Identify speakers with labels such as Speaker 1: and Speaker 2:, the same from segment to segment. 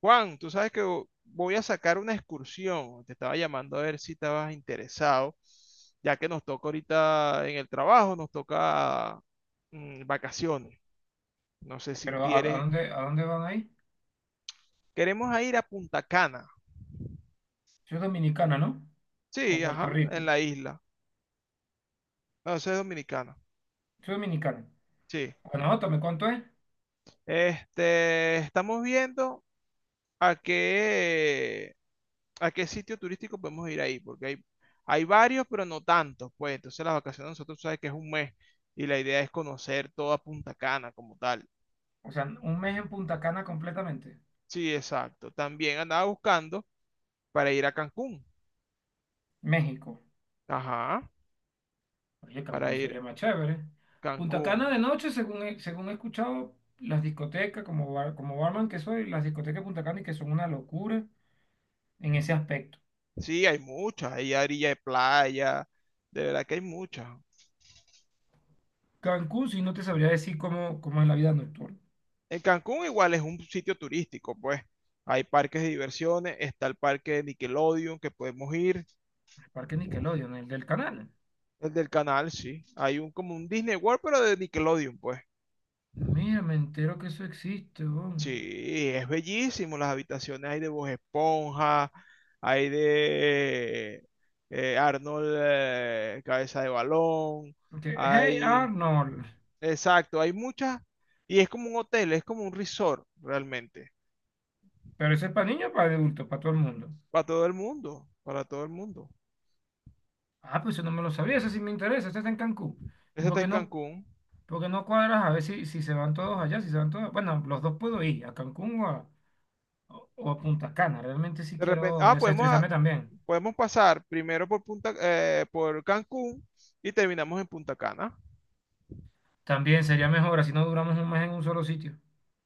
Speaker 1: Juan, tú sabes que voy a sacar una excursión. Te estaba llamando a ver si estabas interesado, ya que nos toca ahorita en el trabajo, nos toca vacaciones. No sé si
Speaker 2: Pero ¿a, a
Speaker 1: quieres.
Speaker 2: dónde, a dónde van ahí?
Speaker 1: Queremos a ir a Punta Cana.
Speaker 2: Soy dominicana, ¿no? O
Speaker 1: Sí,
Speaker 2: Puerto
Speaker 1: ajá, en
Speaker 2: Rico.
Speaker 1: la isla. No, eso es dominicana.
Speaker 2: Soy dominicana.
Speaker 1: Sí.
Speaker 2: Bueno, ótame, ¿cuánto es?
Speaker 1: Este, estamos viendo a qué ¿A qué sitio turístico podemos ir ahí? Porque hay varios, pero no tantos, pues. Entonces las vacaciones nosotros sabes que es un mes y la idea es conocer toda Punta Cana como tal.
Speaker 2: O sea, un mes en Punta Cana completamente.
Speaker 1: Sí, exacto. También andaba buscando para ir a Cancún.
Speaker 2: México.
Speaker 1: Ajá,
Speaker 2: Oye,
Speaker 1: para
Speaker 2: Cancún se
Speaker 1: ir a
Speaker 2: oye más chévere. Punta
Speaker 1: Cancún.
Speaker 2: Cana de noche, según he escuchado, las discotecas, como barman que soy, las discotecas de Punta Cana y que son una locura en ese aspecto.
Speaker 1: Sí, hay muchas. Hay orilla de playa. De verdad que hay muchas.
Speaker 2: Cancún, si no te sabría decir cómo es la vida nocturna.
Speaker 1: En Cancún igual es un sitio turístico, pues. Hay parques de diversiones, está el parque de Nickelodeon que podemos ir.
Speaker 2: El parque Nickelodeon, el del canal.
Speaker 1: El del canal, sí. Hay un como un Disney World, pero de Nickelodeon, pues.
Speaker 2: Mira, me entero que eso existe, weón.
Speaker 1: Sí, es bellísimo. Las habitaciones hay de Bob Esponja, hay de Arnold Cabeza de Balón,
Speaker 2: Hey
Speaker 1: hay...
Speaker 2: Arnold.
Speaker 1: Exacto, hay muchas. Y es como un hotel, es como un resort realmente.
Speaker 2: Pero ese es para niños, para adultos, para todo el mundo.
Speaker 1: Para todo el mundo, para todo el mundo.
Speaker 2: Ah, pues eso no me lo sabía, ese sí me interesa, ese está en Cancún. ¿Y
Speaker 1: Ese
Speaker 2: por
Speaker 1: está
Speaker 2: qué
Speaker 1: en
Speaker 2: no,
Speaker 1: Cancún.
Speaker 2: por qué no cuadras a ver si, si se van todos allá, si se van todos? Bueno, los dos puedo ir, a Cancún o a Punta Cana. Realmente sí
Speaker 1: De repente,
Speaker 2: quiero desestresarme también.
Speaker 1: podemos pasar primero por Punta, por Cancún y terminamos en Punta Cana.
Speaker 2: También sería mejor, así no duramos un mes en un solo sitio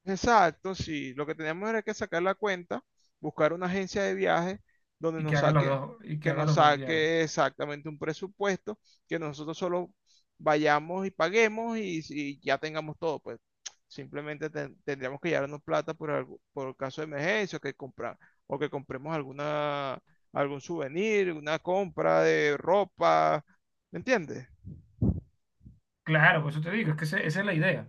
Speaker 1: Exacto, sí. Lo que teníamos era que sacar la cuenta, buscar una agencia de viajes donde
Speaker 2: y que
Speaker 1: nos
Speaker 2: haga los
Speaker 1: saque,
Speaker 2: dos, y que
Speaker 1: que
Speaker 2: haga
Speaker 1: nos
Speaker 2: los dos viajes.
Speaker 1: saque exactamente un presupuesto, que nosotros solo vayamos y paguemos y ya tengamos todo, pues simplemente tendríamos que llevarnos plata por algo, por caso de emergencia, o que compremos algún souvenir, una compra de ropa, ¿me entiendes?
Speaker 2: Claro, por eso te digo, es que esa es la idea.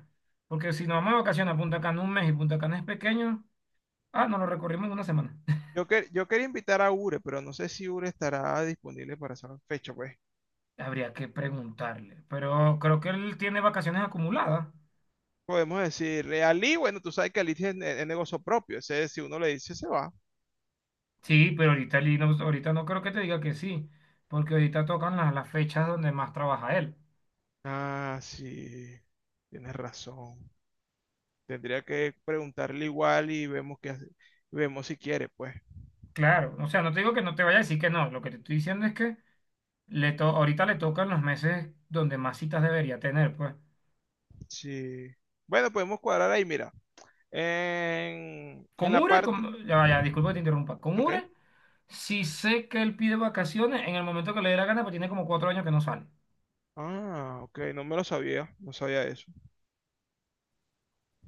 Speaker 2: Porque si nos vamos de vacaciones a Punta Cana un mes y Punta Cana es pequeño, ah, nos lo recorrimos en una semana.
Speaker 1: Yo quería invitar a Ure, pero no sé si Ure estará disponible para esa fecha, pues.
Speaker 2: Habría que preguntarle, pero creo que él tiene vacaciones acumuladas.
Speaker 1: Podemos decir, Ali, bueno, tú sabes que Ali tiene es negocio propio, ese si uno le dice se va.
Speaker 2: Sí, pero ahorita, él no, ahorita no creo que te diga que sí, porque ahorita tocan las fechas donde más trabaja él.
Speaker 1: Ah, sí, tienes razón. Tendría que preguntarle igual y vemos si quiere, pues.
Speaker 2: Claro, o sea, no te digo que no te vaya a decir que no, lo que te estoy diciendo es que ahorita le tocan los meses donde más citas debería tener, pues.
Speaker 1: Sí. Bueno, podemos cuadrar ahí, mira. En
Speaker 2: Con
Speaker 1: la
Speaker 2: Ure,
Speaker 1: parte.
Speaker 2: ya vaya, disculpa que te interrumpa, con
Speaker 1: Ok.
Speaker 2: Ure, sí sé que él pide vacaciones en el momento que le dé la gana, pero tiene como 4 años que no sale.
Speaker 1: Ah, ok, no me lo sabía, no sabía eso.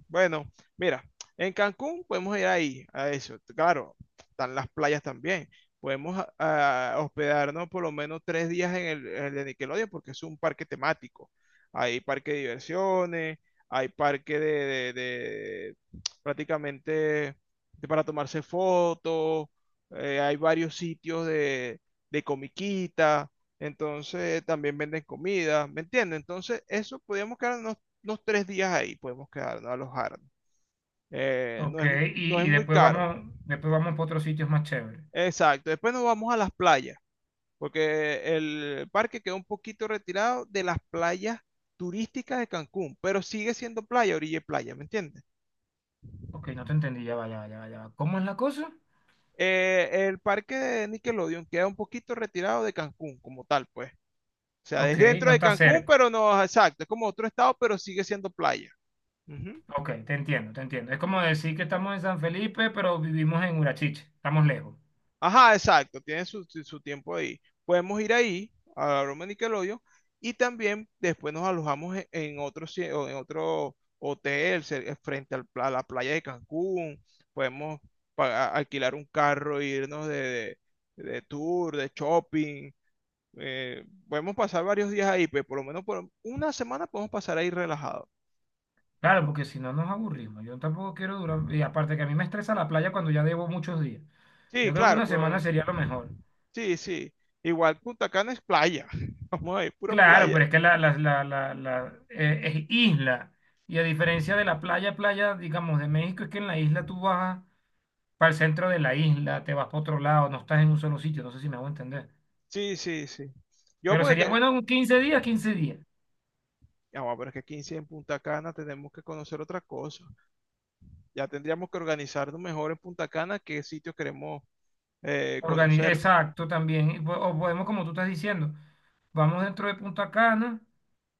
Speaker 1: Bueno, mira, en Cancún podemos ir ahí, a eso. Claro, están las playas también. Podemos hospedarnos por lo menos 3 días en el de Nickelodeon porque es un parque temático. Hay parque de diversiones, hay parque de prácticamente de para tomarse fotos, hay varios sitios de comiquita, entonces también venden comida, ¿me entiendes? Entonces, eso podríamos quedarnos los 3 días ahí podemos quedarnos, alojarnos. Eh, no
Speaker 2: Ok,
Speaker 1: es, no
Speaker 2: y,
Speaker 1: es
Speaker 2: y
Speaker 1: muy
Speaker 2: después
Speaker 1: caro.
Speaker 2: vamos, después vamos para otros sitios más chéveres.
Speaker 1: Exacto. Después nos vamos a las playas, porque el parque queda un poquito retirado de las playas turísticas de Cancún, pero sigue siendo playa, orilla y playa, ¿me entiendes?
Speaker 2: Ok, no te entendí, ya va, ya va, ya va, ya va. ¿Cómo es la cosa?
Speaker 1: El parque de Nickelodeon queda un poquito retirado de Cancún como tal, pues. O sea, es
Speaker 2: Ok,
Speaker 1: dentro
Speaker 2: no
Speaker 1: de
Speaker 2: está
Speaker 1: Cancún,
Speaker 2: cerca.
Speaker 1: pero no, exacto, es como otro estado, pero sigue siendo playa. Ujú.
Speaker 2: Ok, te entiendo, te entiendo. Es como decir que estamos en San Felipe, pero vivimos en Urachiche, estamos lejos.
Speaker 1: Ajá, exacto, tiene su tiempo ahí. Podemos ir ahí, a la broma de Nickelodeon, y también después nos alojamos en otro, o en otro hotel frente al a la playa de Cancún. Podemos alquilar un carro, irnos de tour, de shopping. Podemos pasar varios días ahí, pues por lo menos por una semana podemos pasar ahí relajado.
Speaker 2: Claro, porque si no nos aburrimos. Yo tampoco quiero durar. Y aparte que a mí me estresa la playa cuando ya debo muchos días.
Speaker 1: Sí,
Speaker 2: Yo creo que
Speaker 1: claro,
Speaker 2: una semana
Speaker 1: pero,
Speaker 2: sería lo mejor.
Speaker 1: sí, sí. Igual Punta Cana es playa. Vamos a ir, pura
Speaker 2: Claro,
Speaker 1: playa.
Speaker 2: pero es que es isla. Y a diferencia de la playa, playa, digamos, de México, es que en la isla tú vas para el centro de la isla, te vas para otro lado, no estás en un solo sitio. No sé si me hago entender.
Speaker 1: Sí, sí, sí. Yo
Speaker 2: Pero
Speaker 1: porque
Speaker 2: sería
Speaker 1: que,
Speaker 2: bueno un quince días.
Speaker 1: ya, bueno, pero es que aquí en sí en Punta Cana tenemos que conocer otra cosa. Ya tendríamos que organizarnos mejor en Punta Cana qué sitios queremos conocer.
Speaker 2: Exacto, también. Y o podemos, como tú estás diciendo, vamos dentro de Punta Cana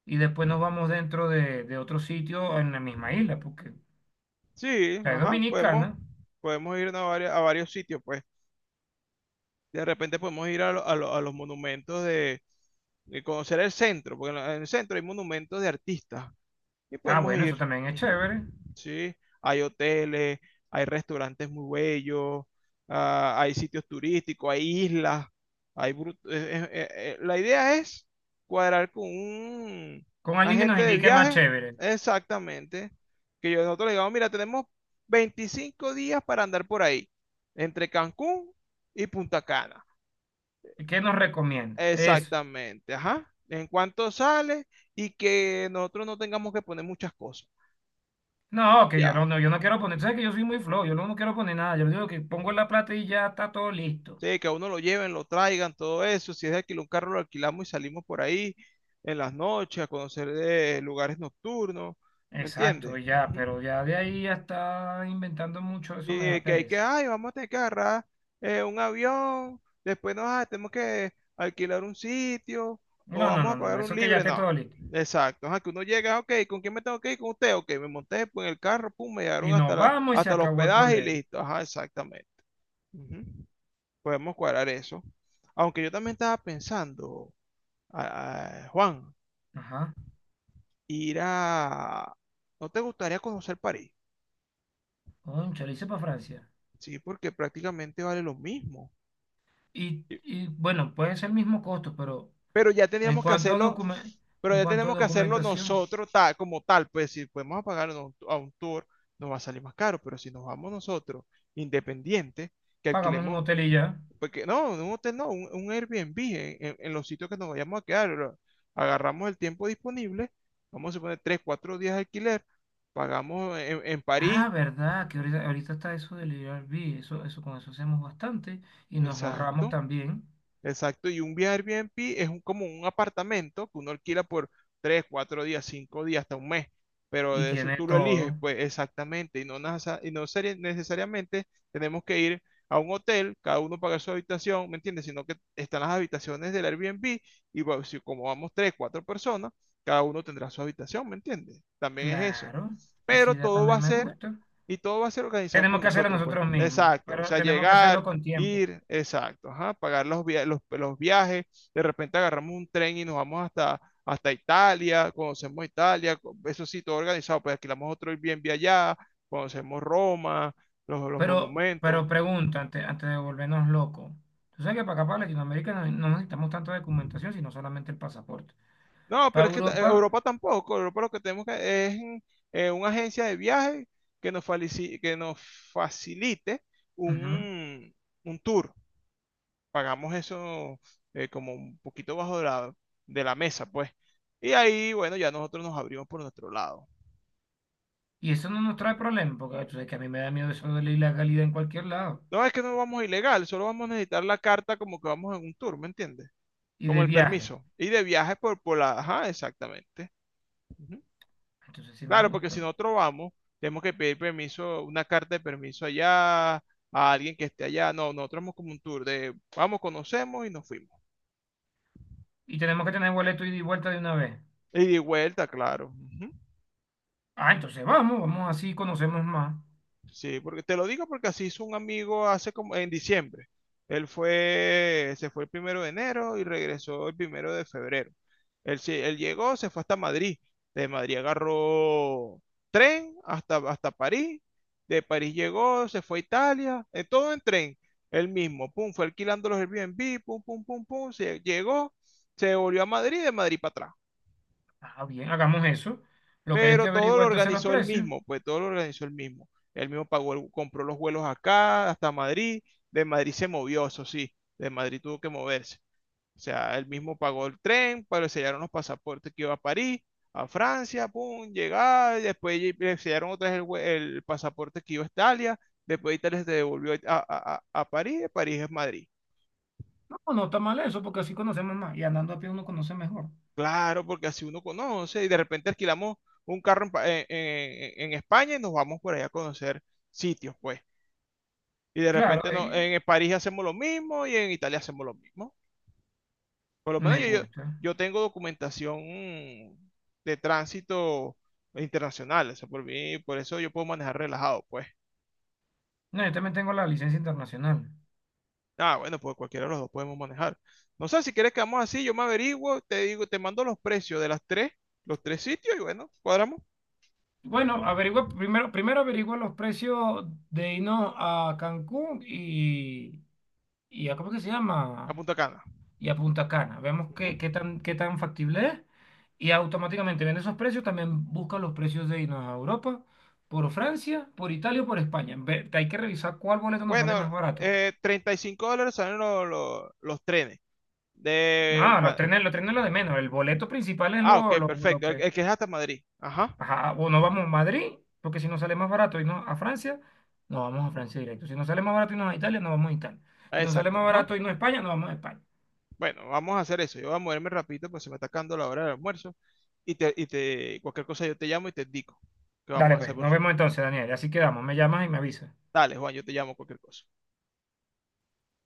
Speaker 2: y después nos vamos dentro de otro sitio en la misma isla, porque
Speaker 1: Sí,
Speaker 2: la es
Speaker 1: ajá,
Speaker 2: dominicana.
Speaker 1: podemos ir a varios sitios, pues. De repente podemos ir a los monumentos de conocer el centro, porque en en el centro hay monumentos de artistas. Y
Speaker 2: Ah,
Speaker 1: podemos
Speaker 2: bueno, eso
Speaker 1: ir.
Speaker 2: también es
Speaker 1: Ujú.
Speaker 2: chévere.
Speaker 1: Sí, hay hoteles, hay restaurantes muy bellos, ah, hay sitios turísticos, hay islas, hay brut- eh, eh, eh, la idea es cuadrar con un
Speaker 2: Con alguien que nos
Speaker 1: agente de
Speaker 2: indique más
Speaker 1: viaje,
Speaker 2: chévere.
Speaker 1: exactamente, que yo nosotros le digamos, mira, tenemos 25 días para andar por ahí, entre Cancún y Punta Cana.
Speaker 2: ¿Qué nos recomienda? Eso.
Speaker 1: Exactamente, ajá. En cuanto sale y que nosotros no tengamos que poner muchas cosas.
Speaker 2: No, que yo
Speaker 1: Ya,
Speaker 2: no, no, yo no quiero poner, tú sabes que yo soy muy flojo, yo no quiero poner nada, yo digo que pongo la plata y ya está todo listo.
Speaker 1: sí, que a uno lo lleven, lo traigan, todo eso. Si es de alquilar un carro, lo alquilamos y salimos por ahí en las noches a conocer lugares nocturnos. ¿Me
Speaker 2: Exacto,
Speaker 1: entiendes?
Speaker 2: y ya,
Speaker 1: Ujú.
Speaker 2: pero ya de ahí ya está inventando mucho, eso me
Speaker 1: Sí,
Speaker 2: da
Speaker 1: que hay que,
Speaker 2: pereza.
Speaker 1: ay, vamos a tener que agarrar un avión, después nos tenemos que alquilar un sitio
Speaker 2: No,
Speaker 1: o
Speaker 2: no,
Speaker 1: vamos a
Speaker 2: no, no, no,
Speaker 1: pagar un
Speaker 2: eso que ya
Speaker 1: libre.
Speaker 2: esté
Speaker 1: No,
Speaker 2: todo listo.
Speaker 1: exacto. Ajá, que uno llega, ok, ¿con quién me tengo que ir? Con usted, ok, me monté pues, en el carro, pum, me llegaron
Speaker 2: Y nos vamos y se
Speaker 1: hasta el
Speaker 2: acabó el
Speaker 1: hospedaje y
Speaker 2: problema.
Speaker 1: listo. Ajá, exactamente. Ujú. Podemos cuadrar eso. Aunque yo también estaba pensando, ah, Juan,
Speaker 2: Ajá.
Speaker 1: ir a... ¿No te gustaría conocer París?
Speaker 2: Cónchale, hice para Francia.
Speaker 1: Sí, porque prácticamente vale lo mismo.
Speaker 2: Y,
Speaker 1: Sí.
Speaker 2: y bueno, puede ser el mismo costo, pero
Speaker 1: Pero ya
Speaker 2: en
Speaker 1: teníamos que
Speaker 2: cuanto a
Speaker 1: hacerlo,
Speaker 2: documen-
Speaker 1: pero
Speaker 2: en
Speaker 1: ya
Speaker 2: cuanto a
Speaker 1: tenemos que hacerlo
Speaker 2: documentación,
Speaker 1: nosotros tal, como tal. Pues si podemos pagar a un tour, nos va a salir más caro. Pero si nos vamos nosotros, independientes, que
Speaker 2: pagamos un
Speaker 1: alquilemos
Speaker 2: hotel y ya.
Speaker 1: porque no, un hotel no, un Airbnb en los sitios que nos vayamos a quedar. Agarramos el tiempo disponible, vamos a poner 3 4 días de alquiler, pagamos en París,
Speaker 2: Ah, verdad, que ahorita está eso del Airbnb, eso con eso hacemos bastante y nos ahorramos
Speaker 1: exacto,
Speaker 2: también.
Speaker 1: Exacto, y un viaje Airbnb es un, como un apartamento que uno alquila por tres, cuatro días, cinco días, hasta un mes, pero
Speaker 2: Y
Speaker 1: de eso
Speaker 2: tiene
Speaker 1: tú lo eliges,
Speaker 2: todo.
Speaker 1: pues exactamente, y no, nasa- y no serie- necesariamente tenemos que ir a un hotel, cada uno paga su habitación, ¿me entiendes? Sino que están las habitaciones del Airbnb y bueno, si como vamos tres, cuatro personas, cada uno tendrá su habitación, ¿me entiendes? También es eso.
Speaker 2: Claro, esa
Speaker 1: Pero
Speaker 2: idea
Speaker 1: todo va
Speaker 2: también
Speaker 1: a
Speaker 2: me
Speaker 1: ser,
Speaker 2: gusta.
Speaker 1: y todo va a ser organizado por
Speaker 2: Tenemos que hacerlo
Speaker 1: nosotros, pues.
Speaker 2: nosotros mismos,
Speaker 1: Exacto, o
Speaker 2: pero
Speaker 1: sea,
Speaker 2: tenemos que
Speaker 1: llegar
Speaker 2: hacerlo con tiempo.
Speaker 1: ir, exacto, ajá, pagar los viajes, de repente agarramos un tren y nos vamos hasta Italia, conocemos Italia, eso sí, todo organizado, pues alquilamos otro Airbnb allá, conocemos Roma, los
Speaker 2: Pero
Speaker 1: monumentos.
Speaker 2: pregunta, antes de volvernos locos. Tú sabes que para acá, para Latinoamérica, no necesitamos tanta documentación, sino solamente el pasaporte.
Speaker 1: No,
Speaker 2: Para
Speaker 1: pero es que
Speaker 2: Europa,
Speaker 1: Europa tampoco, Europa lo que tenemos que, es una agencia de viaje que nos facilite
Speaker 2: ujú.
Speaker 1: un, un tour. Pagamos eso como un poquito bajo de la mesa, pues. Y ahí, bueno, ya nosotros nos abrimos por nuestro lado.
Speaker 2: Y eso no nos trae problema, porque tú sabes que a mí me da miedo eso de la ilegalidad en cualquier lado.
Speaker 1: No es que no vamos ilegal, solo vamos a necesitar la carta como que vamos en un tour, ¿me entiendes?
Speaker 2: Y
Speaker 1: Como
Speaker 2: de
Speaker 1: el
Speaker 2: viaje.
Speaker 1: permiso. Y de viajes por la... Ajá, exactamente. Ujú.
Speaker 2: Entonces sí me
Speaker 1: Claro, porque si
Speaker 2: gusta.
Speaker 1: nosotros vamos, tenemos que pedir permiso, una carta de permiso allá, a alguien que esté allá. No, nosotros vamos como un tour de, vamos, conocemos y nos fuimos.
Speaker 2: Y tenemos que tener boleto ida y vuelta de una vez.
Speaker 1: Y de vuelta, claro. Ujú.
Speaker 2: Ah, entonces vamos así, conocemos más.
Speaker 1: Sí, porque te lo digo porque así hizo un amigo hace como en diciembre. Él fue, se fue el primero de enero y regresó el primero de febrero. Él llegó, se fue hasta Madrid. De Madrid agarró tren hasta París. De París llegó, se fue a Italia. Todo en tren. Él mismo, pum, fue alquilando los Airbnb, pum, pum, pum, pum. Se llegó, se volvió a Madrid, de Madrid para atrás.
Speaker 2: Ah, bien, hagamos eso. Lo que hay es que
Speaker 1: Pero todo lo
Speaker 2: averiguar entonces los
Speaker 1: organizó él
Speaker 2: precios.
Speaker 1: mismo, pues todo lo organizó él mismo. Él mismo pagó, compró los vuelos acá, hasta Madrid. De Madrid se movió, eso sí, de Madrid tuvo que moverse. O sea, él mismo pagó el tren, pero le sellaron los pasaportes que iba a París, a Francia, pum, llegaba, y después le sellaron otra vez el pasaporte que iba a Italia, después Italia se devolvió a París, de París es Madrid.
Speaker 2: No, no está mal eso, porque así conocemos más. Y andando a pie uno conoce mejor.
Speaker 1: Claro, porque así uno conoce y de repente alquilamos un carro en, Pa- en España y nos vamos por allá a conocer sitios, pues. Y de
Speaker 2: Claro,
Speaker 1: repente no, en
Speaker 2: y
Speaker 1: París hacemos lo mismo y en Italia hacemos lo mismo. Por lo menos
Speaker 2: me
Speaker 1: yo, yo,
Speaker 2: gusta.
Speaker 1: yo tengo documentación de tránsito internacional. O sea, por mí, por eso yo puedo manejar relajado, pues.
Speaker 2: No, yo también tengo la licencia internacional.
Speaker 1: Ah, bueno, pues cualquiera de los dos podemos manejar. No sé, si quieres quedamos así, yo me averiguo, te digo, te mando los precios de los tres sitios y bueno, cuadramos
Speaker 2: Bueno, averigua, primero averigua los precios de irnos a Cancún y a, ¿cómo es que se
Speaker 1: a
Speaker 2: llama?
Speaker 1: Punta Cana.
Speaker 2: Y a Punta Cana. Vemos
Speaker 1: Ujú.
Speaker 2: qué tan factible es. Y automáticamente viendo esos precios, también busca los precios de irnos a Europa, por Francia, por Italia o por España. Hay que revisar cuál boleto nos sale
Speaker 1: Bueno,
Speaker 2: más barato.
Speaker 1: $35 salen los trenes. De...
Speaker 2: No, los
Speaker 1: Ma-
Speaker 2: trenes, los trenes lo de menos. El boleto principal es
Speaker 1: Ah, ok,
Speaker 2: lo
Speaker 1: perfecto. El,
Speaker 2: que...
Speaker 1: el que es hasta Madrid. Ajá.
Speaker 2: Ajá, o nos vamos a Madrid, porque si nos sale más barato irnos a Francia, nos vamos a Francia directo. Si nos sale más barato irnos a Italia, nos vamos a Italia.
Speaker 1: Ah,
Speaker 2: Si nos sale
Speaker 1: exacto,
Speaker 2: más
Speaker 1: ajá.
Speaker 2: barato irnos a España, nos vamos a España.
Speaker 1: Bueno, vamos a hacer eso. Yo voy a moverme rapidito porque se me está acabando la hora del almuerzo. Cualquier cosa yo te llamo y te indico que vamos a
Speaker 2: Dale,
Speaker 1: hacer
Speaker 2: pues,
Speaker 1: por
Speaker 2: nos
Speaker 1: fin.
Speaker 2: vemos entonces, Daniel. Así quedamos. Me llamas y me avisas.
Speaker 1: Dale, Juan, yo te llamo cualquier cosa.